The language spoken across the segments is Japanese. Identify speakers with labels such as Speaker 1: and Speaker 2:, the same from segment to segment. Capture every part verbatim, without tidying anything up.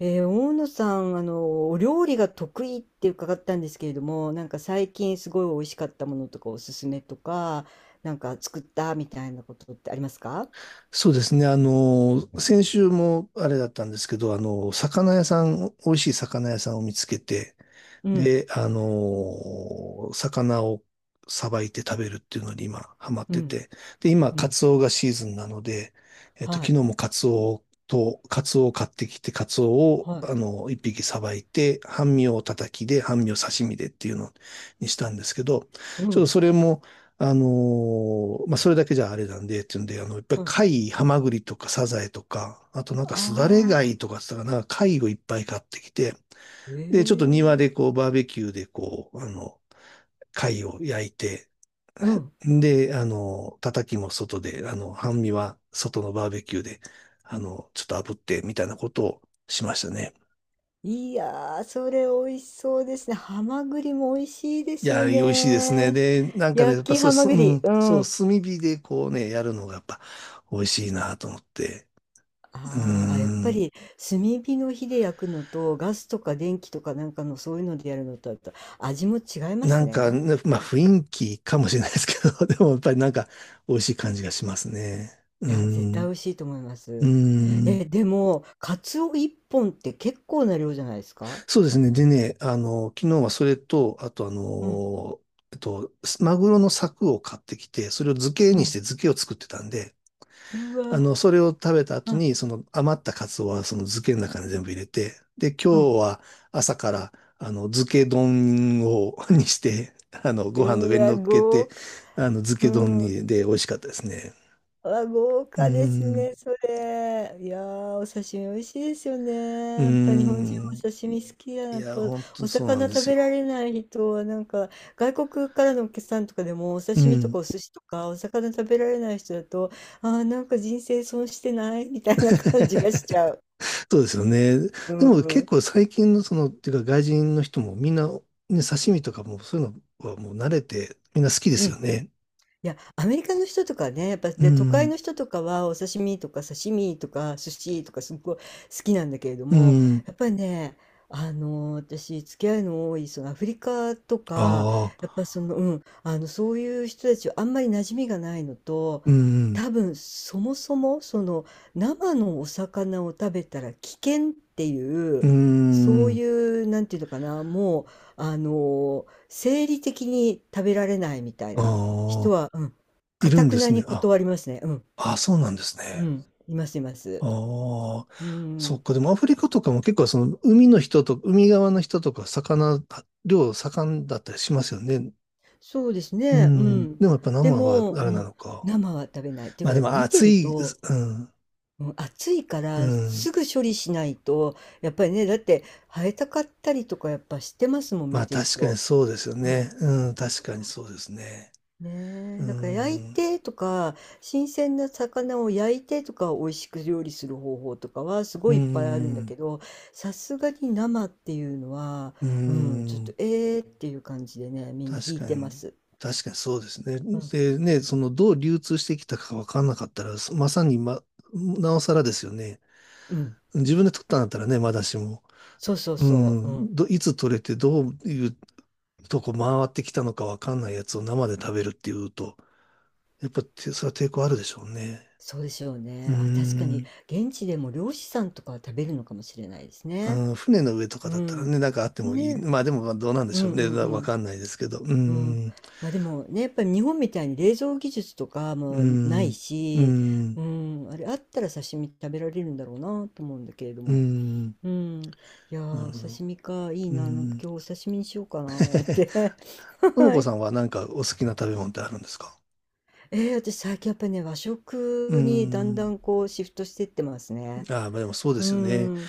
Speaker 1: えー大野さん、あの、お料理が得意って伺ったんですけれども、なんか最近すごい美味しかったものとかおすすめとか、なんか作ったみたいなことってありますか？
Speaker 2: そうですね。あの、先週もあれだったんですけど、あの、魚屋さん、美味しい魚屋さんを見つけて、
Speaker 1: うん、
Speaker 2: で、あのー魚をさばいて食べるっていうのに今ハマっ
Speaker 1: う
Speaker 2: て
Speaker 1: ん、
Speaker 2: て、で、今、
Speaker 1: う
Speaker 2: カ
Speaker 1: ん、
Speaker 2: ツオがシーズンなので、えっと、
Speaker 1: は
Speaker 2: 昨日
Speaker 1: い、
Speaker 2: もカツオと、カツオを買ってきて、カツオを、
Speaker 1: はい、
Speaker 2: あの、一匹さばいて、半身を叩きで、半身を刺身でっていうのにしたんですけど、
Speaker 1: う
Speaker 2: ちょっと
Speaker 1: ん、
Speaker 2: それも、あのーまあ、それだけじゃあれなんで、っていうんで、あの、いっぱい
Speaker 1: うん。
Speaker 2: 貝、ハマグリとかサザエとか、あとなんかすだれ
Speaker 1: あ
Speaker 2: 貝とかって言ったかな、貝をいっぱい買ってきて、で、ちょっと庭
Speaker 1: ー、
Speaker 2: で
Speaker 1: ええ、
Speaker 2: こう、バーベキューでこう、あの、貝を焼いて、
Speaker 1: うん。
Speaker 2: で、あの、叩きも外で、あの、半身は外のバーベキューで、あの、ちょっと炙って、みたいなことをしましたね。
Speaker 1: いやー、それ美味しそうですね。ハマグリも美味しいで
Speaker 2: い
Speaker 1: すよ
Speaker 2: や、美味しいですね。
Speaker 1: ね。
Speaker 2: で、なんかね、や
Speaker 1: 焼
Speaker 2: っぱ
Speaker 1: き
Speaker 2: そ
Speaker 1: ハ
Speaker 2: う、
Speaker 1: マ
Speaker 2: すう
Speaker 1: グリ。
Speaker 2: ん、
Speaker 1: う
Speaker 2: そう、
Speaker 1: ん。
Speaker 2: 炭火でこうね、やるのがやっぱ美味しいなと思って。うー
Speaker 1: あーあ、やっぱ
Speaker 2: ん。
Speaker 1: り炭火の火で焼くのとガスとか電気とかなんかのそういうのでやるのとあと味も違いま
Speaker 2: な
Speaker 1: す
Speaker 2: んか
Speaker 1: ね。
Speaker 2: ね、まあ雰囲気かもしれないですけど、でもやっぱりなんか美味しい感じがしますね。う
Speaker 1: いや、絶
Speaker 2: ー
Speaker 1: 対美
Speaker 2: ん。
Speaker 1: 味しいと思いま
Speaker 2: う
Speaker 1: す。
Speaker 2: ーん。
Speaker 1: え、でも、カツオいっぽんって結構な量じゃないですか？
Speaker 2: そうですね。でね、あの、昨日はそれと、あとあ
Speaker 1: うん、
Speaker 2: の、えっと、マグロの柵を買ってきて、それを漬け
Speaker 1: う
Speaker 2: にし
Speaker 1: ん。
Speaker 2: て漬けを作ってたんで、
Speaker 1: う
Speaker 2: あ
Speaker 1: わ、
Speaker 2: の、それを食べた後
Speaker 1: はい、
Speaker 2: に、その余ったカツオはその漬けの中に全部入れて、で、
Speaker 1: う
Speaker 2: 今
Speaker 1: ん。
Speaker 2: 日は朝から、あの、漬け丼を にして、あの、ご飯の
Speaker 1: う
Speaker 2: 上に
Speaker 1: わ、
Speaker 2: 乗っけ
Speaker 1: 豪
Speaker 2: て、
Speaker 1: 華。
Speaker 2: あの、漬
Speaker 1: う
Speaker 2: け丼
Speaker 1: ん。
Speaker 2: に、で、美味しかったですね。
Speaker 1: あ、豪
Speaker 2: うー
Speaker 1: 華です
Speaker 2: ん。
Speaker 1: ね、それ。いやー、お刺身美味しいですよ
Speaker 2: うー
Speaker 1: ね。やっぱ日本人はお
Speaker 2: ん。
Speaker 1: 刺身好きやな。
Speaker 2: い
Speaker 1: やっ
Speaker 2: や、
Speaker 1: ぱ
Speaker 2: 本当
Speaker 1: お
Speaker 2: にそうなん
Speaker 1: 魚
Speaker 2: で
Speaker 1: 食
Speaker 2: す
Speaker 1: べられ
Speaker 2: よ。
Speaker 1: ない人は、なんか外国からのお客さんとかでもお
Speaker 2: う
Speaker 1: 刺身と
Speaker 2: ん。
Speaker 1: かお寿司とかお魚食べられない人だと、あー、なんか人生損してないみたいな感じがし ちゃう。
Speaker 2: そうですよね。
Speaker 1: う
Speaker 2: でも結
Speaker 1: ん。
Speaker 2: 構最近のその、っていうか外人の人もみんな、ね、刺身とかもそういうのはもう慣れて、みんな好きで
Speaker 1: う
Speaker 2: すよ
Speaker 1: ん。
Speaker 2: ね。
Speaker 1: いや、アメリカの人とかね、やっぱ、
Speaker 2: う
Speaker 1: で、都会
Speaker 2: ん。
Speaker 1: の人とかは、お刺身とか刺身とか寿司とかすっごい好きなんだけれど
Speaker 2: う
Speaker 1: も、
Speaker 2: ん。
Speaker 1: やっぱりね、あの、私、付き合いの多い、そのアフリカとか、
Speaker 2: ああ。
Speaker 1: やっぱその、うん、あの、そういう人たちはあんまり馴染みがないのと、
Speaker 2: うん。
Speaker 1: 多分、そもそも、その、生のお魚を食べたら危険ってい
Speaker 2: う
Speaker 1: う、そう
Speaker 2: ん。
Speaker 1: いう、なんていうのかな、もう、あの、生理的に食べられないみたいな。
Speaker 2: あ
Speaker 1: 人
Speaker 2: あ、
Speaker 1: は、うん、
Speaker 2: いるん
Speaker 1: 頑
Speaker 2: で
Speaker 1: な
Speaker 2: すね。
Speaker 1: に
Speaker 2: あ、
Speaker 1: 断りますね。うん、
Speaker 2: あ、そうなんです
Speaker 1: う
Speaker 2: ね。
Speaker 1: ん、いますいます。
Speaker 2: ああ、
Speaker 1: う
Speaker 2: そ
Speaker 1: ん、
Speaker 2: っか。でもアフリカとかも結構その海の人と、海側の人とか魚、量盛んだったりしますよね。
Speaker 1: そうです
Speaker 2: う
Speaker 1: ね、う
Speaker 2: ん。
Speaker 1: ん。
Speaker 2: でもやっぱ
Speaker 1: で
Speaker 2: 生は
Speaker 1: も、
Speaker 2: あ
Speaker 1: う
Speaker 2: れな
Speaker 1: ん、
Speaker 2: のか。
Speaker 1: 生は食べない。っていう
Speaker 2: ま
Speaker 1: か、
Speaker 2: あで
Speaker 1: なんか
Speaker 2: も
Speaker 1: 見て
Speaker 2: 暑
Speaker 1: る
Speaker 2: い、
Speaker 1: と、
Speaker 2: うん、
Speaker 1: うん、熱いか
Speaker 2: う
Speaker 1: ら
Speaker 2: ん。
Speaker 1: すぐ処理しないと、やっぱりね、だって生えたかったりとかやっぱしてますもん、
Speaker 2: ま
Speaker 1: 見
Speaker 2: あ
Speaker 1: てる
Speaker 2: 確かに
Speaker 1: と。
Speaker 2: そうですよ
Speaker 1: う
Speaker 2: ね。
Speaker 1: ん。
Speaker 2: うん、確かにそうですね。
Speaker 1: ね
Speaker 2: う
Speaker 1: え、だから焼い
Speaker 2: ん。
Speaker 1: てとか、新鮮な魚を焼いてとか、美味しく料理する方法とかはすご
Speaker 2: う
Speaker 1: いいっぱいあるんだ
Speaker 2: ん。
Speaker 1: けど、さすがに生っていうのは、
Speaker 2: う
Speaker 1: うん、ちょっと
Speaker 2: ん。
Speaker 1: えーっていう感じでね、みんな
Speaker 2: 確
Speaker 1: 引い
Speaker 2: か
Speaker 1: てま
Speaker 2: に、
Speaker 1: す。
Speaker 2: 確かにそうですね。
Speaker 1: うん、
Speaker 2: でね、そのどう流通してきたか分かんなかったら、まさに、ま、なおさらですよね。
Speaker 1: うん、
Speaker 2: 自分で取ったんだったらね、まだしも。
Speaker 1: そうそう
Speaker 2: う
Speaker 1: そう、うん、
Speaker 2: ん、ど、いつ取れてどういうとこ回ってきたのか分かんないやつを生で食べるっていうと、やっぱてそれは抵抗あるでしょうね。
Speaker 1: そうでしょう
Speaker 2: う
Speaker 1: ね。あ、確かに
Speaker 2: ん。
Speaker 1: 現地でも漁師さんとかは食べるのかもしれないですね。
Speaker 2: うん、船の上とか
Speaker 1: う
Speaker 2: だったらね、
Speaker 1: ん、
Speaker 2: なんかあってもいい。
Speaker 1: ね、
Speaker 2: まあでもまあどうなんで
Speaker 1: う
Speaker 2: しょ
Speaker 1: ん
Speaker 2: う
Speaker 1: う
Speaker 2: ね。
Speaker 1: んう
Speaker 2: わか
Speaker 1: ん。
Speaker 2: んないですけど。うー
Speaker 1: うん、
Speaker 2: ん。
Speaker 1: まあでもねやっぱり日本みたいに冷蔵技術とか
Speaker 2: うー
Speaker 1: もない
Speaker 2: ん。うー
Speaker 1: し、
Speaker 2: ん。
Speaker 1: うん、あれあったら刺身食べられるんだろうなと思うんだけれど
Speaker 2: うー
Speaker 1: も、
Speaker 2: ん。
Speaker 1: うん、いや
Speaker 2: なる
Speaker 1: ーお
Speaker 2: ほど。
Speaker 1: 刺身かいい
Speaker 2: うー
Speaker 1: な、なんか
Speaker 2: ん。
Speaker 1: 今日お刺身にしようかなーっ て。
Speaker 2: とも
Speaker 1: は
Speaker 2: こ
Speaker 1: い、
Speaker 2: さんはなんかお好きな食べ物ってあるんですか？
Speaker 1: えー、私最近やっぱりね和
Speaker 2: うー
Speaker 1: 食にだんだ
Speaker 2: ん。
Speaker 1: んこうシフトしてってますね。
Speaker 2: ああ、まあでもそうで
Speaker 1: う
Speaker 2: すよね。
Speaker 1: ん、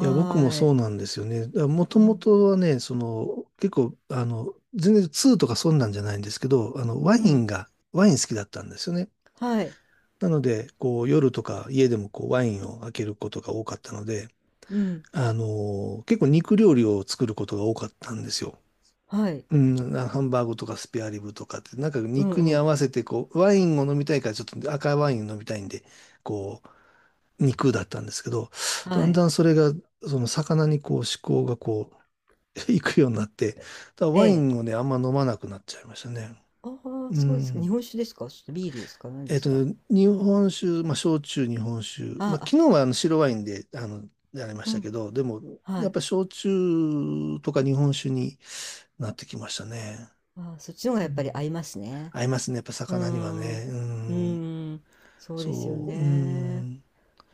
Speaker 2: いや、僕も
Speaker 1: ー
Speaker 2: そ
Speaker 1: い、
Speaker 2: うなんですよね。もと
Speaker 1: う
Speaker 2: も
Speaker 1: ん、
Speaker 2: とはね、その、結構、あの、全然2とかそんなんじゃないんですけど、あの、ワ
Speaker 1: う
Speaker 2: イ
Speaker 1: ん、
Speaker 2: ンが、ワイン好きだったんですよね。
Speaker 1: はい、
Speaker 2: なので、こう、夜とか家でもこう、ワインを開けることが多かったので、
Speaker 1: うん、
Speaker 2: あの、結構肉料理を作ることが多かったんですよ。
Speaker 1: はい、
Speaker 2: うん、なハンバーグとかスペアリブとかって、なんか
Speaker 1: うん、
Speaker 2: 肉
Speaker 1: う
Speaker 2: に合
Speaker 1: ん、
Speaker 2: わせて、こう、ワインを飲みたいからちょっと赤ワインを飲みたいんで、こう、肉だったんですけど、
Speaker 1: は
Speaker 2: だん
Speaker 1: い、
Speaker 2: だんそれが、その魚にこう、思考がこう、いくようになって、だから
Speaker 1: え
Speaker 2: ワイ
Speaker 1: え。
Speaker 2: ンをね、あんま飲まなくなっちゃいましたね。
Speaker 1: ああ、
Speaker 2: う
Speaker 1: そうですか。日
Speaker 2: ん。
Speaker 1: 本酒ですかちょっとビールですか何
Speaker 2: え
Speaker 1: で
Speaker 2: っ
Speaker 1: す
Speaker 2: と、
Speaker 1: か？
Speaker 2: 日本酒、まあ、焼酎、日本酒。
Speaker 1: あ
Speaker 2: まあ、昨
Speaker 1: あ、
Speaker 2: 日はあの白ワインで、あの、やりまし
Speaker 1: う
Speaker 2: た
Speaker 1: ん。
Speaker 2: けど、でも、
Speaker 1: は
Speaker 2: やっ
Speaker 1: い。
Speaker 2: ぱり焼酎とか日本酒になってきましたね。
Speaker 1: ああ、そっちの方が
Speaker 2: う
Speaker 1: やっぱり
Speaker 2: ん、
Speaker 1: 合いますね。
Speaker 2: 合いますね、やっぱ
Speaker 1: うー
Speaker 2: 魚には
Speaker 1: ん。う
Speaker 2: ね。うん。
Speaker 1: ーん。そうですよ
Speaker 2: そう、う
Speaker 1: ね。
Speaker 2: ん。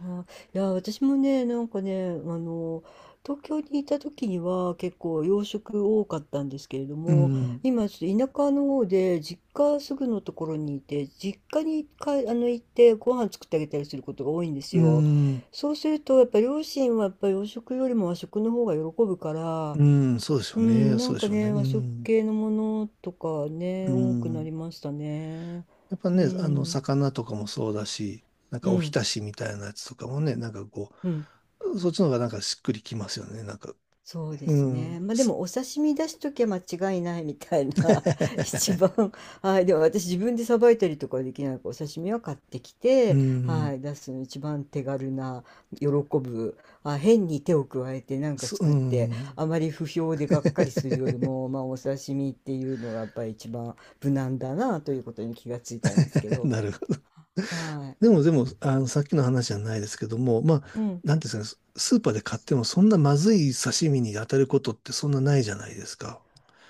Speaker 1: あ、いや、私もね、なんかね、あの、東京にいた時には結構洋食多かったんですけれど
Speaker 2: う
Speaker 1: も、
Speaker 2: ん。
Speaker 1: 今ちょっと田舎の方で実家すぐのところにいて、実家にかあの行ってご飯作ってあげたりすることが多いんです
Speaker 2: う
Speaker 1: よ。
Speaker 2: ん。
Speaker 1: そうするとやっぱ両親はやっぱ洋食よりも和食の方が喜ぶから、
Speaker 2: うん。そうでしょ
Speaker 1: う
Speaker 2: うね。
Speaker 1: ん、な
Speaker 2: そ
Speaker 1: ん
Speaker 2: うで
Speaker 1: か
Speaker 2: しょうね。
Speaker 1: ね、
Speaker 2: う
Speaker 1: 和食
Speaker 2: ん。
Speaker 1: 系のものとか
Speaker 2: う
Speaker 1: ね、多くな
Speaker 2: ん。
Speaker 1: りましたね。
Speaker 2: やっぱ
Speaker 1: う
Speaker 2: ね、あの、
Speaker 1: ん、
Speaker 2: 魚とかもそうだし、なん
Speaker 1: う
Speaker 2: かお
Speaker 1: ん、
Speaker 2: 浸しみたいなやつとかもね、なんかこ
Speaker 1: うん。
Speaker 2: う、そっちの方がなんかしっくりきますよね。なんか、
Speaker 1: そうで
Speaker 2: う
Speaker 1: す
Speaker 2: ん。
Speaker 1: ね。まあで
Speaker 2: す
Speaker 1: もお刺身出しときゃ間違いないみたいな。 一 番、はい、でも私自分でさばいたりとかはできないからお刺身は買ってき
Speaker 2: う
Speaker 1: て、
Speaker 2: ん。
Speaker 1: はい、出すの一番手軽な喜ぶ、あ、変に手を加えてなんか
Speaker 2: すう
Speaker 1: 作って
Speaker 2: ん。
Speaker 1: あまり不評でがっかりする よりも、まあお刺身っていうのがやっぱり一番無難だなということに気がついたんですけど、
Speaker 2: なるほど。
Speaker 1: は
Speaker 2: でも、でも、あの、さっきの話じゃないですけども、まあ、
Speaker 1: い、うん、
Speaker 2: なんていうんですかね、ススーパーで買ってもそんなまずい刺身に当たることってそんなないじゃないですか。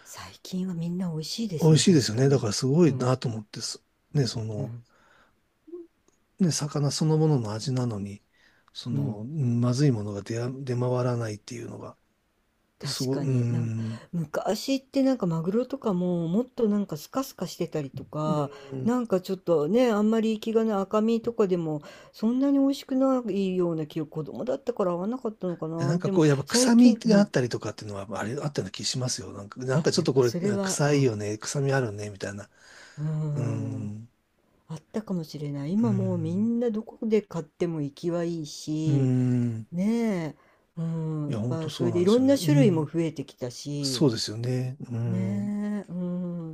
Speaker 1: 最近はみんな美味しいで
Speaker 2: 美
Speaker 1: す
Speaker 2: 味
Speaker 1: ね、
Speaker 2: しいです
Speaker 1: 確
Speaker 2: よ
Speaker 1: か
Speaker 2: ね。だか
Speaker 1: に。
Speaker 2: らすご
Speaker 1: う
Speaker 2: い
Speaker 1: ん、
Speaker 2: なと思ってす、ね、そ
Speaker 1: う
Speaker 2: の、
Speaker 1: ん、
Speaker 2: ね、魚そのものの味なのに、そ
Speaker 1: う
Speaker 2: の、
Speaker 1: ん。
Speaker 2: うんまずいものが出や、出回らないっていうのが、す
Speaker 1: 確
Speaker 2: ごい、う
Speaker 1: か
Speaker 2: ー
Speaker 1: に。なんか
Speaker 2: ん、
Speaker 1: 昔ってなんかマグロとかももっとなんかスカスカしてたりと
Speaker 2: う
Speaker 1: か、
Speaker 2: ー
Speaker 1: なんかちょっとね、あんまり生きがない赤身とかでもそんなに美味しくないような記憶、子供だったから合わなかったのかな。
Speaker 2: なんか
Speaker 1: で
Speaker 2: こ
Speaker 1: も
Speaker 2: う、やっぱ
Speaker 1: 最
Speaker 2: 臭み
Speaker 1: 近、う
Speaker 2: があっ
Speaker 1: ん。
Speaker 2: たりとかっていうのは、まあれ、あったような気しますよ。なんか、なん
Speaker 1: あ、
Speaker 2: かちょ
Speaker 1: や
Speaker 2: っ
Speaker 1: っ
Speaker 2: と
Speaker 1: ぱ
Speaker 2: これ、
Speaker 1: それは、
Speaker 2: 臭
Speaker 1: う
Speaker 2: い
Speaker 1: ん。
Speaker 2: よね、臭みあるね、みたいな。
Speaker 1: うー
Speaker 2: うー
Speaker 1: ん。
Speaker 2: ん。
Speaker 1: あったかもしれない。
Speaker 2: うー
Speaker 1: 今もうみ
Speaker 2: ん。
Speaker 1: んなどこで買っても生きはいい
Speaker 2: うー
Speaker 1: し、
Speaker 2: ん。
Speaker 1: ねえ。うん。
Speaker 2: い
Speaker 1: やっ
Speaker 2: や、本当
Speaker 1: ぱそ
Speaker 2: そう
Speaker 1: れ
Speaker 2: な
Speaker 1: で
Speaker 2: ん
Speaker 1: い
Speaker 2: で
Speaker 1: ろ
Speaker 2: すよ
Speaker 1: ん
Speaker 2: ね。
Speaker 1: な
Speaker 2: う
Speaker 1: 種類も
Speaker 2: ん。
Speaker 1: 増えてきた
Speaker 2: そ
Speaker 1: し、
Speaker 2: うですよね。うん。
Speaker 1: ねえ、う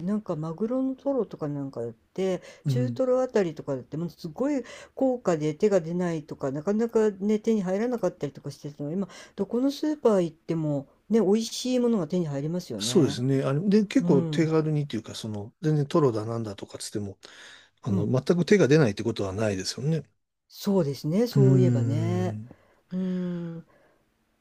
Speaker 1: ん、なんかマグロのトロとかなんかだって、
Speaker 2: う
Speaker 1: 中
Speaker 2: ん。
Speaker 1: トロあたりとかだって、もうすごい高価で手が出ないとか、なかなかね、手に入らなかったりとかしてたの、今、どこのスーパー行っても、ね、美味しいものが手に入りますよ
Speaker 2: そうです
Speaker 1: ね。
Speaker 2: ね。あれ、で、結
Speaker 1: う
Speaker 2: 構手
Speaker 1: ん、
Speaker 2: 軽にっていうか、その、全然トロだなんだとかつっても、あ
Speaker 1: う
Speaker 2: の、
Speaker 1: ん、
Speaker 2: 全く手が出ないってことはないですよね。
Speaker 1: そうですね、
Speaker 2: うー
Speaker 1: そういえばね。
Speaker 2: ん。
Speaker 1: うん、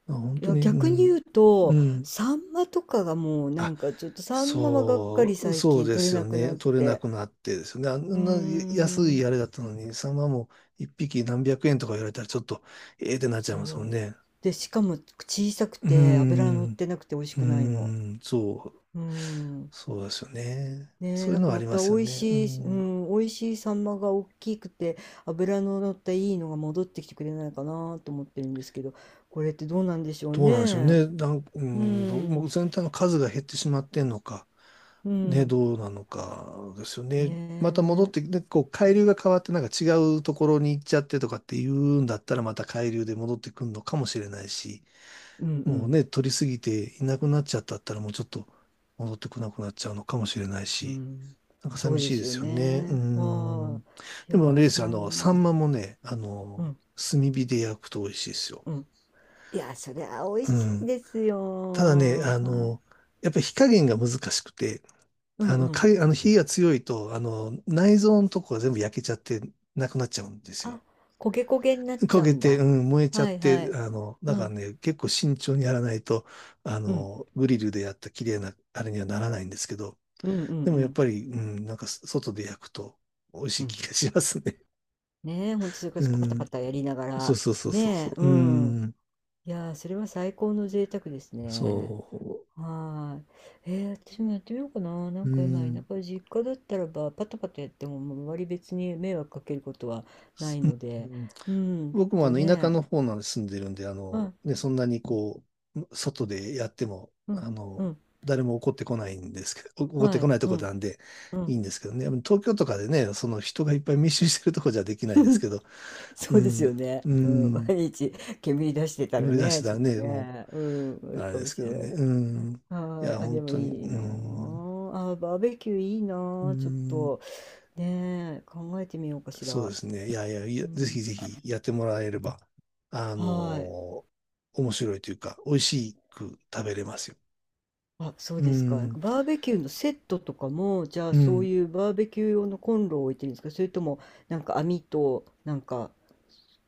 Speaker 2: あ、本
Speaker 1: い
Speaker 2: 当
Speaker 1: や、
Speaker 2: に、う
Speaker 1: 逆に言う
Speaker 2: ん。
Speaker 1: と、
Speaker 2: うん。
Speaker 1: サンマとかがもうな
Speaker 2: あ
Speaker 1: んかちょっとサンマはがっか
Speaker 2: そ
Speaker 1: り
Speaker 2: う、
Speaker 1: 最
Speaker 2: そう
Speaker 1: 近
Speaker 2: で
Speaker 1: 取れ
Speaker 2: す
Speaker 1: な
Speaker 2: よ
Speaker 1: くな
Speaker 2: ね。
Speaker 1: っ
Speaker 2: 取れな
Speaker 1: て。
Speaker 2: くなってですよね。あ
Speaker 1: うー
Speaker 2: んな安い
Speaker 1: ん。
Speaker 2: あれだったのに、サンマも一匹何百円とか言われたらちょっと、ええってなっちゃいますもん
Speaker 1: そう。
Speaker 2: ね。
Speaker 1: で、しかも小さく
Speaker 2: うー
Speaker 1: て脂が乗っ
Speaker 2: ん。う
Speaker 1: てなくて美味し
Speaker 2: ー
Speaker 1: くないの。
Speaker 2: ん。そう、
Speaker 1: うん。
Speaker 2: そうですよね。
Speaker 1: ねえ、
Speaker 2: そうい
Speaker 1: な
Speaker 2: う
Speaker 1: ん
Speaker 2: の
Speaker 1: か
Speaker 2: はあ
Speaker 1: ま
Speaker 2: りま
Speaker 1: た美
Speaker 2: すよ
Speaker 1: 味
Speaker 2: ね。う
Speaker 1: しい、う
Speaker 2: ん、
Speaker 1: ん、美味しいサンマが大きくて脂の乗ったいいのが戻ってきてくれないかなと思ってるんですけど、これってどうなんでしょう
Speaker 2: どうなんでしょう
Speaker 1: ね。
Speaker 2: ね。なん、う
Speaker 1: う
Speaker 2: ん、どう、も
Speaker 1: ん、
Speaker 2: う全体の数が減ってしまってんのか、
Speaker 1: う
Speaker 2: ね、
Speaker 1: ん、
Speaker 2: どうなのかですよ
Speaker 1: ね
Speaker 2: ね。また戻っ
Speaker 1: え、
Speaker 2: て、で、こう、海流が変わってなんか違うところに行っちゃってとかっていうんだったら、また海流で戻ってくるのかもしれないし、
Speaker 1: うん、う
Speaker 2: もう
Speaker 1: ん、
Speaker 2: ね、取りすぎていなくなっちゃったったら、もうちょっと戻ってこなくなっちゃうのかもしれない
Speaker 1: う
Speaker 2: し、
Speaker 1: ん。
Speaker 2: なんか
Speaker 1: そう
Speaker 2: 寂し
Speaker 1: で
Speaker 2: いで
Speaker 1: すよ
Speaker 2: すよね。う
Speaker 1: ね。
Speaker 2: ん。
Speaker 1: はい。い
Speaker 2: で
Speaker 1: や
Speaker 2: もあれ
Speaker 1: ー、
Speaker 2: ですよ、あ
Speaker 1: サ
Speaker 2: の、
Speaker 1: ンマ、
Speaker 2: サンマもね、あ
Speaker 1: う
Speaker 2: の、
Speaker 1: ん、
Speaker 2: 炭火で焼くと美味しいですよ。
Speaker 1: うん。いやー、それは美味
Speaker 2: う
Speaker 1: しい
Speaker 2: ん。
Speaker 1: です
Speaker 2: ただね、
Speaker 1: よ。
Speaker 2: あ
Speaker 1: はい。
Speaker 2: の、やっぱり火加減が難しくて、
Speaker 1: うん
Speaker 2: あ
Speaker 1: う
Speaker 2: の、か、
Speaker 1: ん。
Speaker 2: あの火が強いと、あの、内臓のとこが全部焼けちゃってなくなっちゃうんです
Speaker 1: あ、
Speaker 2: よ。
Speaker 1: 焦げ焦げになっ
Speaker 2: 焦
Speaker 1: ちゃう
Speaker 2: げ
Speaker 1: ん
Speaker 2: て、う
Speaker 1: だ。
Speaker 2: ん、燃えちゃっ
Speaker 1: はいは
Speaker 2: て、
Speaker 1: い。
Speaker 2: あの、だ
Speaker 1: う
Speaker 2: から
Speaker 1: ん、
Speaker 2: ね、結構慎重にやらないと、あ
Speaker 1: うん、
Speaker 2: の、グリルでやった綺麗な、あれにはならないんですけど、
Speaker 1: うん、うん、う
Speaker 2: でもやっ
Speaker 1: ん、
Speaker 2: ぱり、うん、なんか外で焼くと美味し
Speaker 1: う
Speaker 2: い
Speaker 1: ん。
Speaker 2: 気がしますね。
Speaker 1: ねえ、ほん とそれこ
Speaker 2: う
Speaker 1: そパタ
Speaker 2: ん、
Speaker 1: パタやりなが
Speaker 2: そう
Speaker 1: ら。
Speaker 2: そうそうそうそ
Speaker 1: ねえ、う
Speaker 2: う、う
Speaker 1: ん。
Speaker 2: ん、
Speaker 1: いやー、それは最高の贅沢です
Speaker 2: そ
Speaker 1: ね。はーい。えー、私もやってみようかな。な
Speaker 2: う、う
Speaker 1: んか今、田
Speaker 2: ん、
Speaker 1: 舎、実家だったらば、パタパタやっても、もう周り別に迷惑かけることはな
Speaker 2: す
Speaker 1: い
Speaker 2: う
Speaker 1: ので、
Speaker 2: ん、
Speaker 1: うん
Speaker 2: 僕も
Speaker 1: と
Speaker 2: あの田舎
Speaker 1: ね、
Speaker 2: の方なんで住んでるんで、あ
Speaker 1: は
Speaker 2: の、
Speaker 1: い、
Speaker 2: ね、そんなにこう、外でやっても、
Speaker 1: うん、
Speaker 2: あ
Speaker 1: う
Speaker 2: の、
Speaker 1: ん、
Speaker 2: 誰も怒ってこないんですけど、怒って
Speaker 1: は
Speaker 2: こ
Speaker 1: い、
Speaker 2: ないと
Speaker 1: う
Speaker 2: こ
Speaker 1: ん、
Speaker 2: なんで
Speaker 1: う
Speaker 2: い
Speaker 1: ん。
Speaker 2: いんですけどね。東京とかでね、その人がいっぱい密集してるとこじゃできないです けど、う
Speaker 1: そうですよ
Speaker 2: ん、
Speaker 1: ね。
Speaker 2: う
Speaker 1: うん、
Speaker 2: ん、
Speaker 1: 毎日煙出してたら
Speaker 2: 今出し
Speaker 1: ね、
Speaker 2: てた
Speaker 1: ち
Speaker 2: ら
Speaker 1: ょっと
Speaker 2: ね、も
Speaker 1: ね、うん、あ
Speaker 2: う、
Speaker 1: れ
Speaker 2: あれ
Speaker 1: か
Speaker 2: で
Speaker 1: も
Speaker 2: す
Speaker 1: し
Speaker 2: け
Speaker 1: れ
Speaker 2: ど
Speaker 1: な
Speaker 2: ね、
Speaker 1: いけ
Speaker 2: うん、い
Speaker 1: ど。は
Speaker 2: や、
Speaker 1: い。あ、で
Speaker 2: 本
Speaker 1: も
Speaker 2: 当に、
Speaker 1: い
Speaker 2: う
Speaker 1: いなあ。
Speaker 2: ん、
Speaker 1: あ、バーベキューいい
Speaker 2: う
Speaker 1: なあ。ちょっ
Speaker 2: ん、
Speaker 1: と、ねえ、考えてみようかし
Speaker 2: そう
Speaker 1: ら。
Speaker 2: ですね。いやいや、いや
Speaker 1: う
Speaker 2: ぜ
Speaker 1: ん。
Speaker 2: ひぜひやってもらえれば、あ
Speaker 1: はい。
Speaker 2: の、面白いというか、美味しく食べれますよ。
Speaker 1: あ、そう
Speaker 2: う
Speaker 1: ですか。なん
Speaker 2: ん。
Speaker 1: かバーベキューのセットとかも、じゃあ
Speaker 2: う
Speaker 1: そう
Speaker 2: ん。
Speaker 1: いうバーベキュー用のコンロを置いてるんですかそれとも、なんか網と、なんか、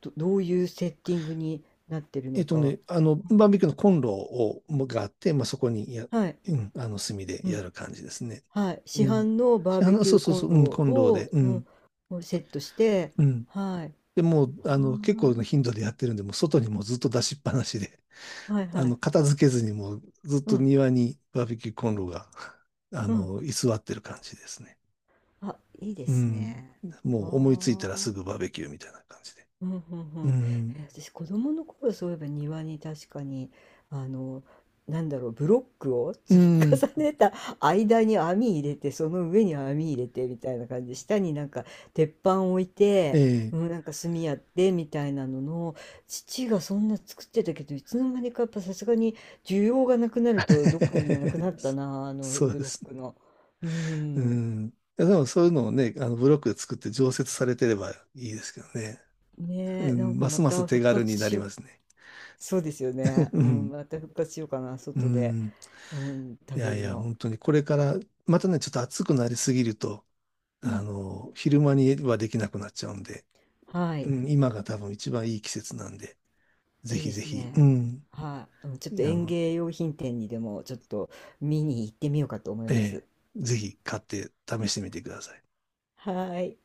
Speaker 1: ど、どういうセッティングになってるの
Speaker 2: えっと
Speaker 1: か。
Speaker 2: ね、あの、バーベキューのコンロを、もがあって、まあ、そこにや、
Speaker 1: はい。
Speaker 2: うん、あの、炭で
Speaker 1: う
Speaker 2: や
Speaker 1: ん、
Speaker 2: る感じですね。
Speaker 1: はい、市
Speaker 2: うん。
Speaker 1: 販のバー
Speaker 2: あ
Speaker 1: ベ
Speaker 2: の、
Speaker 1: キ
Speaker 2: そ
Speaker 1: ュー
Speaker 2: うそう
Speaker 1: コ
Speaker 2: そ
Speaker 1: ン
Speaker 2: う、う
Speaker 1: ロ
Speaker 2: ん、コンロ
Speaker 1: を、
Speaker 2: で、う
Speaker 1: う
Speaker 2: ん、
Speaker 1: ん、をセットして、
Speaker 2: うん。
Speaker 1: はい、
Speaker 2: でもう、
Speaker 1: は
Speaker 2: あの、結構の頻度でやってるんで、もう外にもうずっと出しっぱなしで、
Speaker 1: あ、はい
Speaker 2: あ
Speaker 1: は
Speaker 2: の、
Speaker 1: い、
Speaker 2: 片付けずにもうずっ
Speaker 1: う
Speaker 2: と
Speaker 1: ん、
Speaker 2: 庭にバーベキューコンロが、あ
Speaker 1: うん、
Speaker 2: の、居座ってる感じですね。
Speaker 1: あ、いいで
Speaker 2: う
Speaker 1: す
Speaker 2: ん。
Speaker 1: ね。
Speaker 2: もう思いついたら
Speaker 1: は
Speaker 2: すぐ
Speaker 1: あ。
Speaker 2: バーベキューみたいな感じで。
Speaker 1: うんうんう
Speaker 2: う
Speaker 1: ん。
Speaker 2: ん。
Speaker 1: え、私子供の頃そういえば庭に確かにあのなんだろうブロックを
Speaker 2: う
Speaker 1: 積み
Speaker 2: ん。
Speaker 1: 重ねた間に網入れてその上に網入れてみたいな感じで下になんか鉄板置い
Speaker 2: え
Speaker 1: て、う
Speaker 2: え
Speaker 1: ん、なんか炭やってみたいなのの父がそんな作ってたけどいつの間にかやっぱさすがに需要がなくなるとどっかになくな った
Speaker 2: そ
Speaker 1: なあの
Speaker 2: そう
Speaker 1: ブ
Speaker 2: で
Speaker 1: ロ
Speaker 2: す
Speaker 1: ッ
Speaker 2: ね。
Speaker 1: クの。う
Speaker 2: う
Speaker 1: ん。
Speaker 2: ん。いやでもそういうのをね、あのブロックで作って常設されてればいいですけどね。う
Speaker 1: ねえ、なん
Speaker 2: ん、
Speaker 1: か
Speaker 2: ます
Speaker 1: ま
Speaker 2: ます
Speaker 1: た
Speaker 2: 手
Speaker 1: 復
Speaker 2: 軽
Speaker 1: 活
Speaker 2: にな
Speaker 1: し
Speaker 2: り
Speaker 1: よう。
Speaker 2: ますね。
Speaker 1: そうですよ ね。
Speaker 2: う
Speaker 1: うん、
Speaker 2: ん。
Speaker 1: また復活しようかな、
Speaker 2: う
Speaker 1: 外で、
Speaker 2: ん。
Speaker 1: うん、
Speaker 2: い
Speaker 1: 食べ
Speaker 2: やい
Speaker 1: る
Speaker 2: や、
Speaker 1: の。
Speaker 2: 本当にこれから、またね、ちょっと暑くなりすぎると、
Speaker 1: う
Speaker 2: あ
Speaker 1: ん、
Speaker 2: の、昼間にはできなくなっちゃうんで、
Speaker 1: はい、
Speaker 2: うん、今が多分一番いい季節なんで、ぜ
Speaker 1: いい
Speaker 2: ひ
Speaker 1: で
Speaker 2: ぜ
Speaker 1: す
Speaker 2: ひ、う
Speaker 1: ね。
Speaker 2: ん。
Speaker 1: はい、うんちょっと
Speaker 2: あ
Speaker 1: 園
Speaker 2: の、
Speaker 1: 芸用品店にでもちょっと見に行ってみようかと思い
Speaker 2: え
Speaker 1: ます。
Speaker 2: え、ぜひ買って試してみてください。
Speaker 1: はい。